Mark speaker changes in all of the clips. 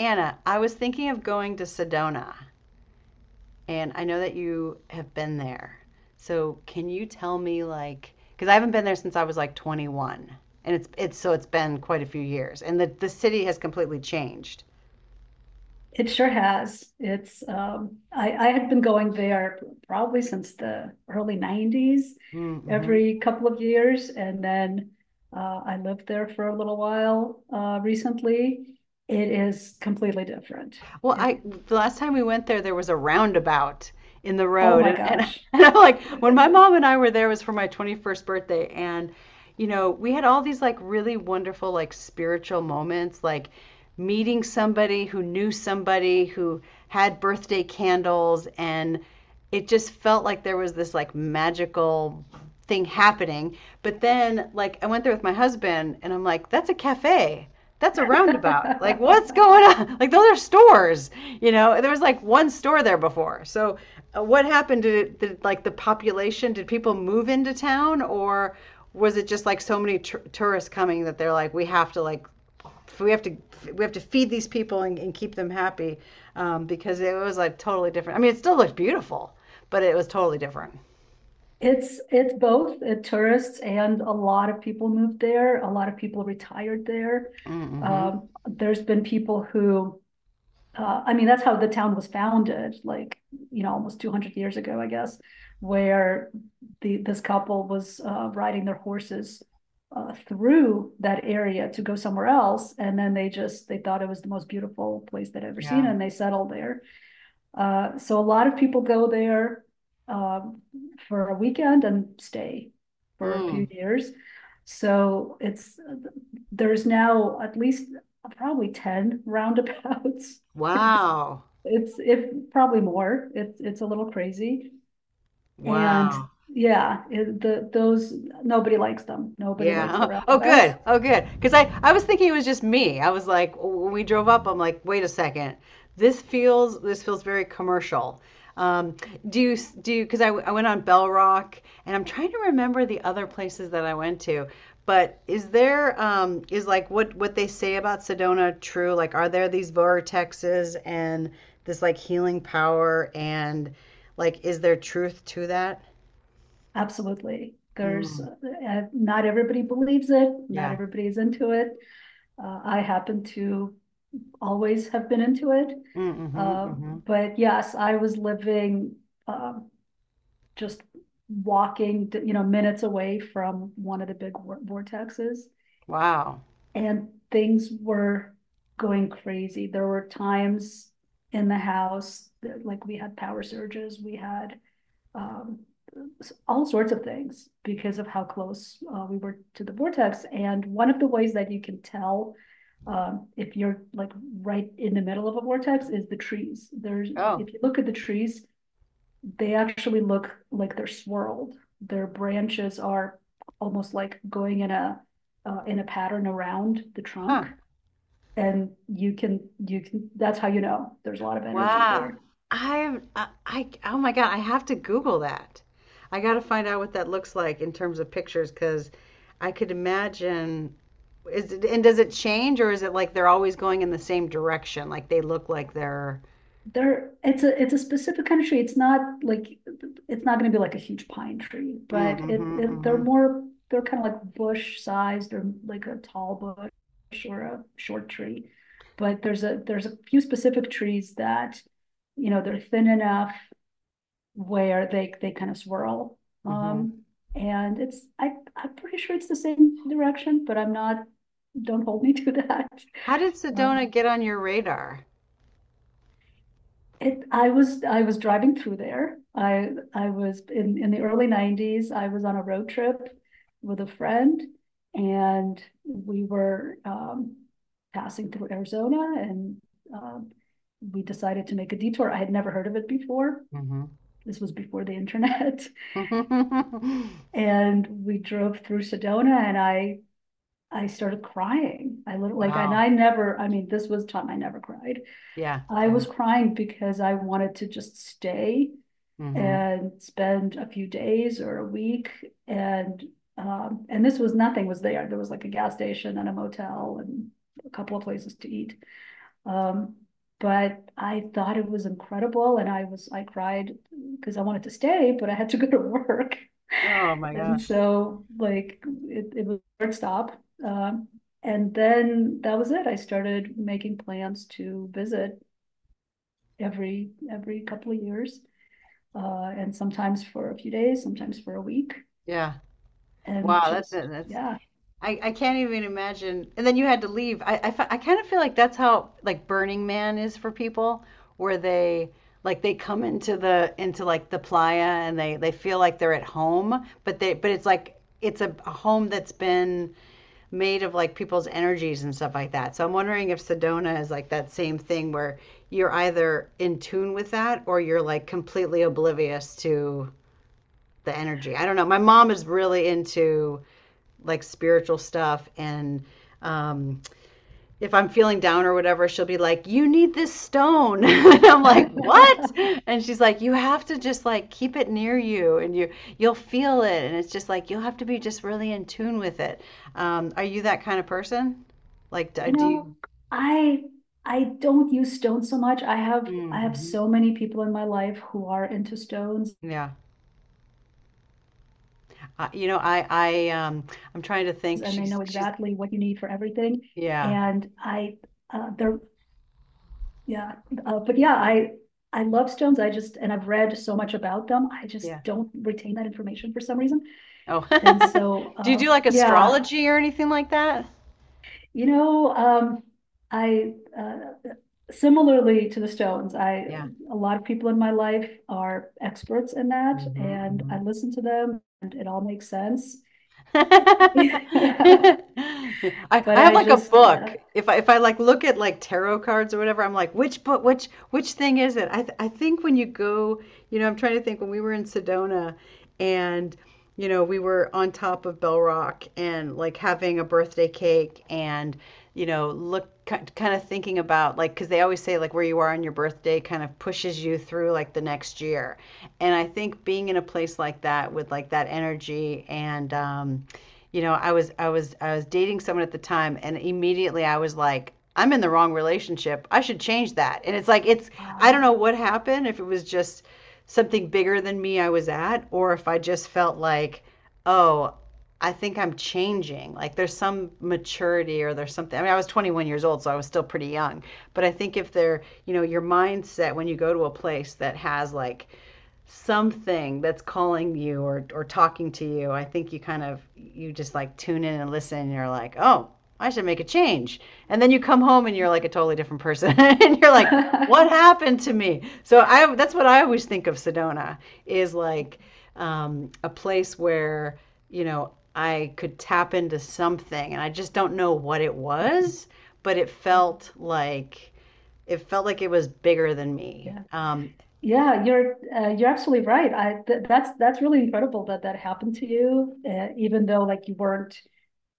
Speaker 1: Anna, I was thinking of going to Sedona, and I know that you have been there. So can you tell me, like, because I haven't been there since I was like 21, and it's so it's been quite a few years, and the city has completely changed.
Speaker 2: It sure has. I had been going there probably since the early 90s,
Speaker 1: Mm-hmm.
Speaker 2: every couple of years. And then I lived there for a little while recently. It is completely different.
Speaker 1: Well,
Speaker 2: It-
Speaker 1: I the last time we went there, there was a roundabout in the
Speaker 2: Oh
Speaker 1: road,
Speaker 2: my
Speaker 1: and
Speaker 2: gosh.
Speaker 1: and I'm like, when my mom and I were there, it was for my 21st birthday, and you know, we had all these like really wonderful like spiritual moments, like meeting somebody who knew somebody who had birthday candles, and it just felt like there was this like magical thing happening. But then, like, I went there with my husband, and I'm like, that's a cafe, that's a roundabout. Like, what's going on? Like, those are stores. You know, there was like one store there before. So, what happened to it, like the population? Did people move into town, or was it just like so many tur tourists coming that they're like, we have to like, we have to, we have to feed these people and keep them happy, because it was like totally different. I mean, it still looked beautiful, but it was totally different.
Speaker 2: It's both tourists and a lot of people moved there. A lot of people retired there.
Speaker 1: Mm-hmm.
Speaker 2: There's been people who I mean, that's how the town was founded, like, you know, almost 200 years ago, I guess, where this couple was, riding their horses through that area to go somewhere else, and then they thought it was the most beautiful place they'd ever seen,
Speaker 1: Yeah.
Speaker 2: and they settled there. So a lot of people go there, um, for a weekend and stay for a few
Speaker 1: Mm.
Speaker 2: years. So it's, there's now at least probably 10 roundabouts. It's
Speaker 1: Wow.
Speaker 2: if probably more, it's a little crazy, and
Speaker 1: Wow.
Speaker 2: yeah, nobody likes them, nobody likes the
Speaker 1: Yeah. Oh,
Speaker 2: roundabouts.
Speaker 1: good. Oh, good. Because I was thinking it was just me. I was like, when we drove up, I'm like, wait a second. This feels very commercial. Um, do you, because I went on Bell Rock and I'm trying to remember the other places that I went to. But is there, is like what they say about Sedona true? Like, are there these vortexes and this like healing power and like, is there truth to that?
Speaker 2: Absolutely,
Speaker 1: Mm,
Speaker 2: not everybody believes it, not
Speaker 1: yeah.
Speaker 2: everybody's into it, I happen to always have been into it.
Speaker 1: Mm, hmm
Speaker 2: Uh,
Speaker 1: hmm.
Speaker 2: but yes, I was living, um, just walking, you know, minutes away from one of the big vortexes.
Speaker 1: Wow.
Speaker 2: And things were going crazy. There were times in the house that, like, we had power surges, we had um, all sorts of things because of how close we were to the vortex. And one of the ways that you can tell if you're like right in the middle of a vortex is the trees.
Speaker 1: Oh,
Speaker 2: If you look at the trees, they actually look like they're swirled. Their branches are almost like going in a pattern around the
Speaker 1: huh.
Speaker 2: trunk, and you can, that's how you know there's a lot of energy
Speaker 1: Wow.
Speaker 2: there.
Speaker 1: Oh my God, I have to Google that. I got to find out what that looks like in terms of pictures because I could imagine. Is it, and does it change or is it like they're always going in the same direction? Like they look like they're.
Speaker 2: There, it's a specific kind of tree. It's not going to be like a huge pine tree,
Speaker 1: Mm,
Speaker 2: but
Speaker 1: mhm,
Speaker 2: it they're
Speaker 1: mhm,
Speaker 2: more, they're kind of like bush size. They're like a tall bush or a short tree. But there's a few specific trees that, you know, they're thin enough where they kind of swirl.
Speaker 1: mhm.
Speaker 2: Um, and it's I I'm pretty sure it's the same direction, but I'm not. Don't hold me to that.
Speaker 1: How did
Speaker 2: Um,
Speaker 1: Sedona get on your radar?
Speaker 2: it I was driving through there. I was in the early '90s. I was on a road trip with a friend, and we were passing through Arizona, and um, we decided to make a detour. I had never heard of it before.
Speaker 1: Hmm.
Speaker 2: This was before the internet. And we drove through Sedona and I started crying. Like, and
Speaker 1: Wow.
Speaker 2: I never, I mean, this was time I never cried.
Speaker 1: Yeah,
Speaker 2: I
Speaker 1: yeah.
Speaker 2: was crying because I wanted to just stay
Speaker 1: Hmm.
Speaker 2: and spend a few days or a week. And, and this was nothing was there. There was like a gas station and a motel and a couple of places to eat. Um, but I thought it was incredible and I cried because I wanted to stay, but I had to go to work.
Speaker 1: Oh my
Speaker 2: And
Speaker 1: gosh.
Speaker 2: so like it was a hard stop. And then that was it. I started making plans to visit every couple of years, and sometimes for a few days, sometimes for a week,
Speaker 1: Yeah. Wow,
Speaker 2: and
Speaker 1: that's
Speaker 2: just
Speaker 1: that's
Speaker 2: yeah.
Speaker 1: I can't even imagine. And then you had to leave. I I kind of feel like that's how like Burning Man is for people, where they like they come into the into the playa and they feel like they're at home, but they but it's like it's a home that's been made of like people's energies and stuff like that. So I'm wondering if Sedona is like that same thing where you're either in tune with that or you're like completely oblivious to the energy. I don't know. My mom is really into like spiritual stuff and um, if I'm feeling down or whatever, she'll be like, "You need this stone," and I'm like, "What?" And she's like, "You have to just like keep it near you, and you, you'll feel it, and it's just like you'll have to be just really in tune with it." Are you that kind of person? Like, do,
Speaker 2: You
Speaker 1: do you?
Speaker 2: know, I I don't use stones so much. I have
Speaker 1: Hmm.
Speaker 2: so many people in my life who are into stones
Speaker 1: Yeah, I, you know, I I'm trying to think.
Speaker 2: and they
Speaker 1: She's
Speaker 2: know
Speaker 1: she's
Speaker 2: exactly what you need for everything.
Speaker 1: yeah,
Speaker 2: And uh, they're Yeah, but yeah, I love stones. And I've read so much about them. I
Speaker 1: yeah.
Speaker 2: just don't retain that information for some reason.
Speaker 1: Oh,
Speaker 2: And so,
Speaker 1: do you do like
Speaker 2: yeah,
Speaker 1: astrology or anything like that?
Speaker 2: you know, I, Similarly to the stones,
Speaker 1: Yeah.
Speaker 2: a lot of people in my life are experts in that and I
Speaker 1: Hmm.
Speaker 2: listen to them and it all makes sense.
Speaker 1: I I
Speaker 2: But
Speaker 1: have
Speaker 2: I
Speaker 1: like a
Speaker 2: just,
Speaker 1: book.
Speaker 2: yeah,
Speaker 1: If I like look at like tarot cards or whatever, I'm like, which book, which thing is it? I think when you go, you know, I'm trying to think when we were in Sedona, and you know, we were on top of Bell Rock and like having a birthday cake, and you know, look kind of thinking about like because they always say like where you are on your birthday kind of pushes you through like the next year. And I think being in a place like that with like that energy, and you know, I was dating someone at the time and immediately I was like, I'm in the wrong relationship. I should change that. And it's like it's I don't
Speaker 2: Wow.
Speaker 1: know what happened if it was just something bigger than me I was at or if I just felt like, oh, I think I'm changing. Like there's some maturity or there's something. I mean, I was 21 years old, so I was still pretty young. But I think if they're, you know, your mindset when you go to a place that has like something that's calling you or talking to you, I think you kind of, you just like tune in and listen and you're like, oh, I should make a change. And then you come home and you're like a totally different person and you're like, what happened to me? So I, that's what I always think of Sedona is like, a place where, you know, I could tap into something and I just don't know what it was, but it felt like, it felt like it was bigger than me.
Speaker 2: Yeah, yeah, you're absolutely right. I th That's really incredible that that happened to you, even though like you weren't,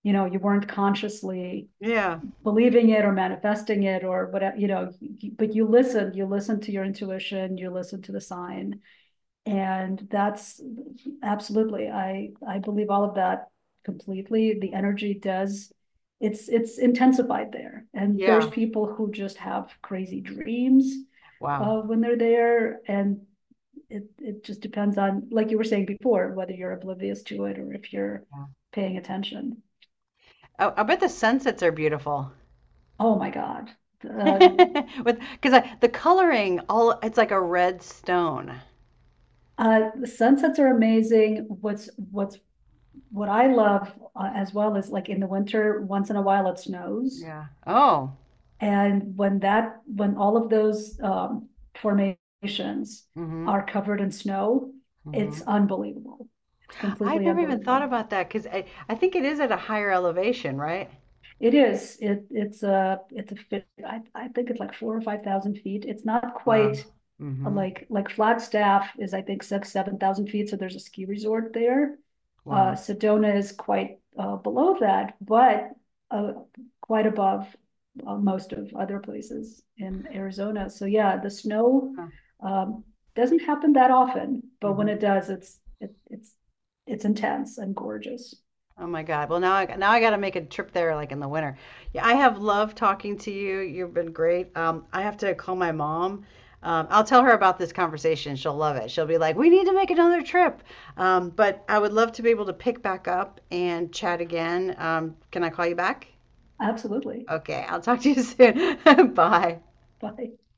Speaker 2: you know, you weren't consciously
Speaker 1: Yeah.
Speaker 2: believing it or manifesting it or whatever, you know, but you listened to your intuition, you listened to the sign. And that's absolutely, I believe all of that completely. The energy does, It's intensified there. And there's
Speaker 1: Yeah.
Speaker 2: people who just have crazy dreams
Speaker 1: Wow.
Speaker 2: when they're there. And it just depends on, like you were saying before, whether you're oblivious to it or if you're
Speaker 1: Yeah.
Speaker 2: paying attention.
Speaker 1: I bet the sunsets are beautiful.
Speaker 2: Oh my God. Uh,
Speaker 1: With because I, the coloring all it's like a red stone.
Speaker 2: the sunsets are amazing. What I love as well is like in the winter, once in a while it snows.
Speaker 1: Yeah. Oh.
Speaker 2: And when that, when all of those formations
Speaker 1: Mm-hmm.
Speaker 2: are covered in snow,
Speaker 1: Mm-hmm.
Speaker 2: it's unbelievable. It's
Speaker 1: I've
Speaker 2: completely
Speaker 1: never even thought
Speaker 2: unbelievable.
Speaker 1: about that because I think it is at a higher elevation, right?
Speaker 2: It is, it, it's a fit, I think it's like four or five thousand feet, it's not
Speaker 1: Wow.
Speaker 2: quite. A
Speaker 1: Mm-hmm.
Speaker 2: Like Flagstaff is, I think, six, 7,000 feet, so there's a ski resort there.
Speaker 1: Wow.
Speaker 2: Sedona is quite, below that, but, uh, quite above. Most of other places in Arizona, so yeah, um, doesn't happen that often, but when
Speaker 1: Huh.
Speaker 2: it does, it's. It's intense and gorgeous,
Speaker 1: Oh my God. Well, now I got to make a trip there like in the winter. Yeah, I have loved talking to you. You've been great. I have to call my mom. I'll tell her about this conversation. She'll love it. She'll be like, "We need to make another trip." But I would love to be able to pick back up and chat again. Can I call you back?
Speaker 2: absolutely.
Speaker 1: Okay, I'll talk to you soon. Bye.
Speaker 2: Bye.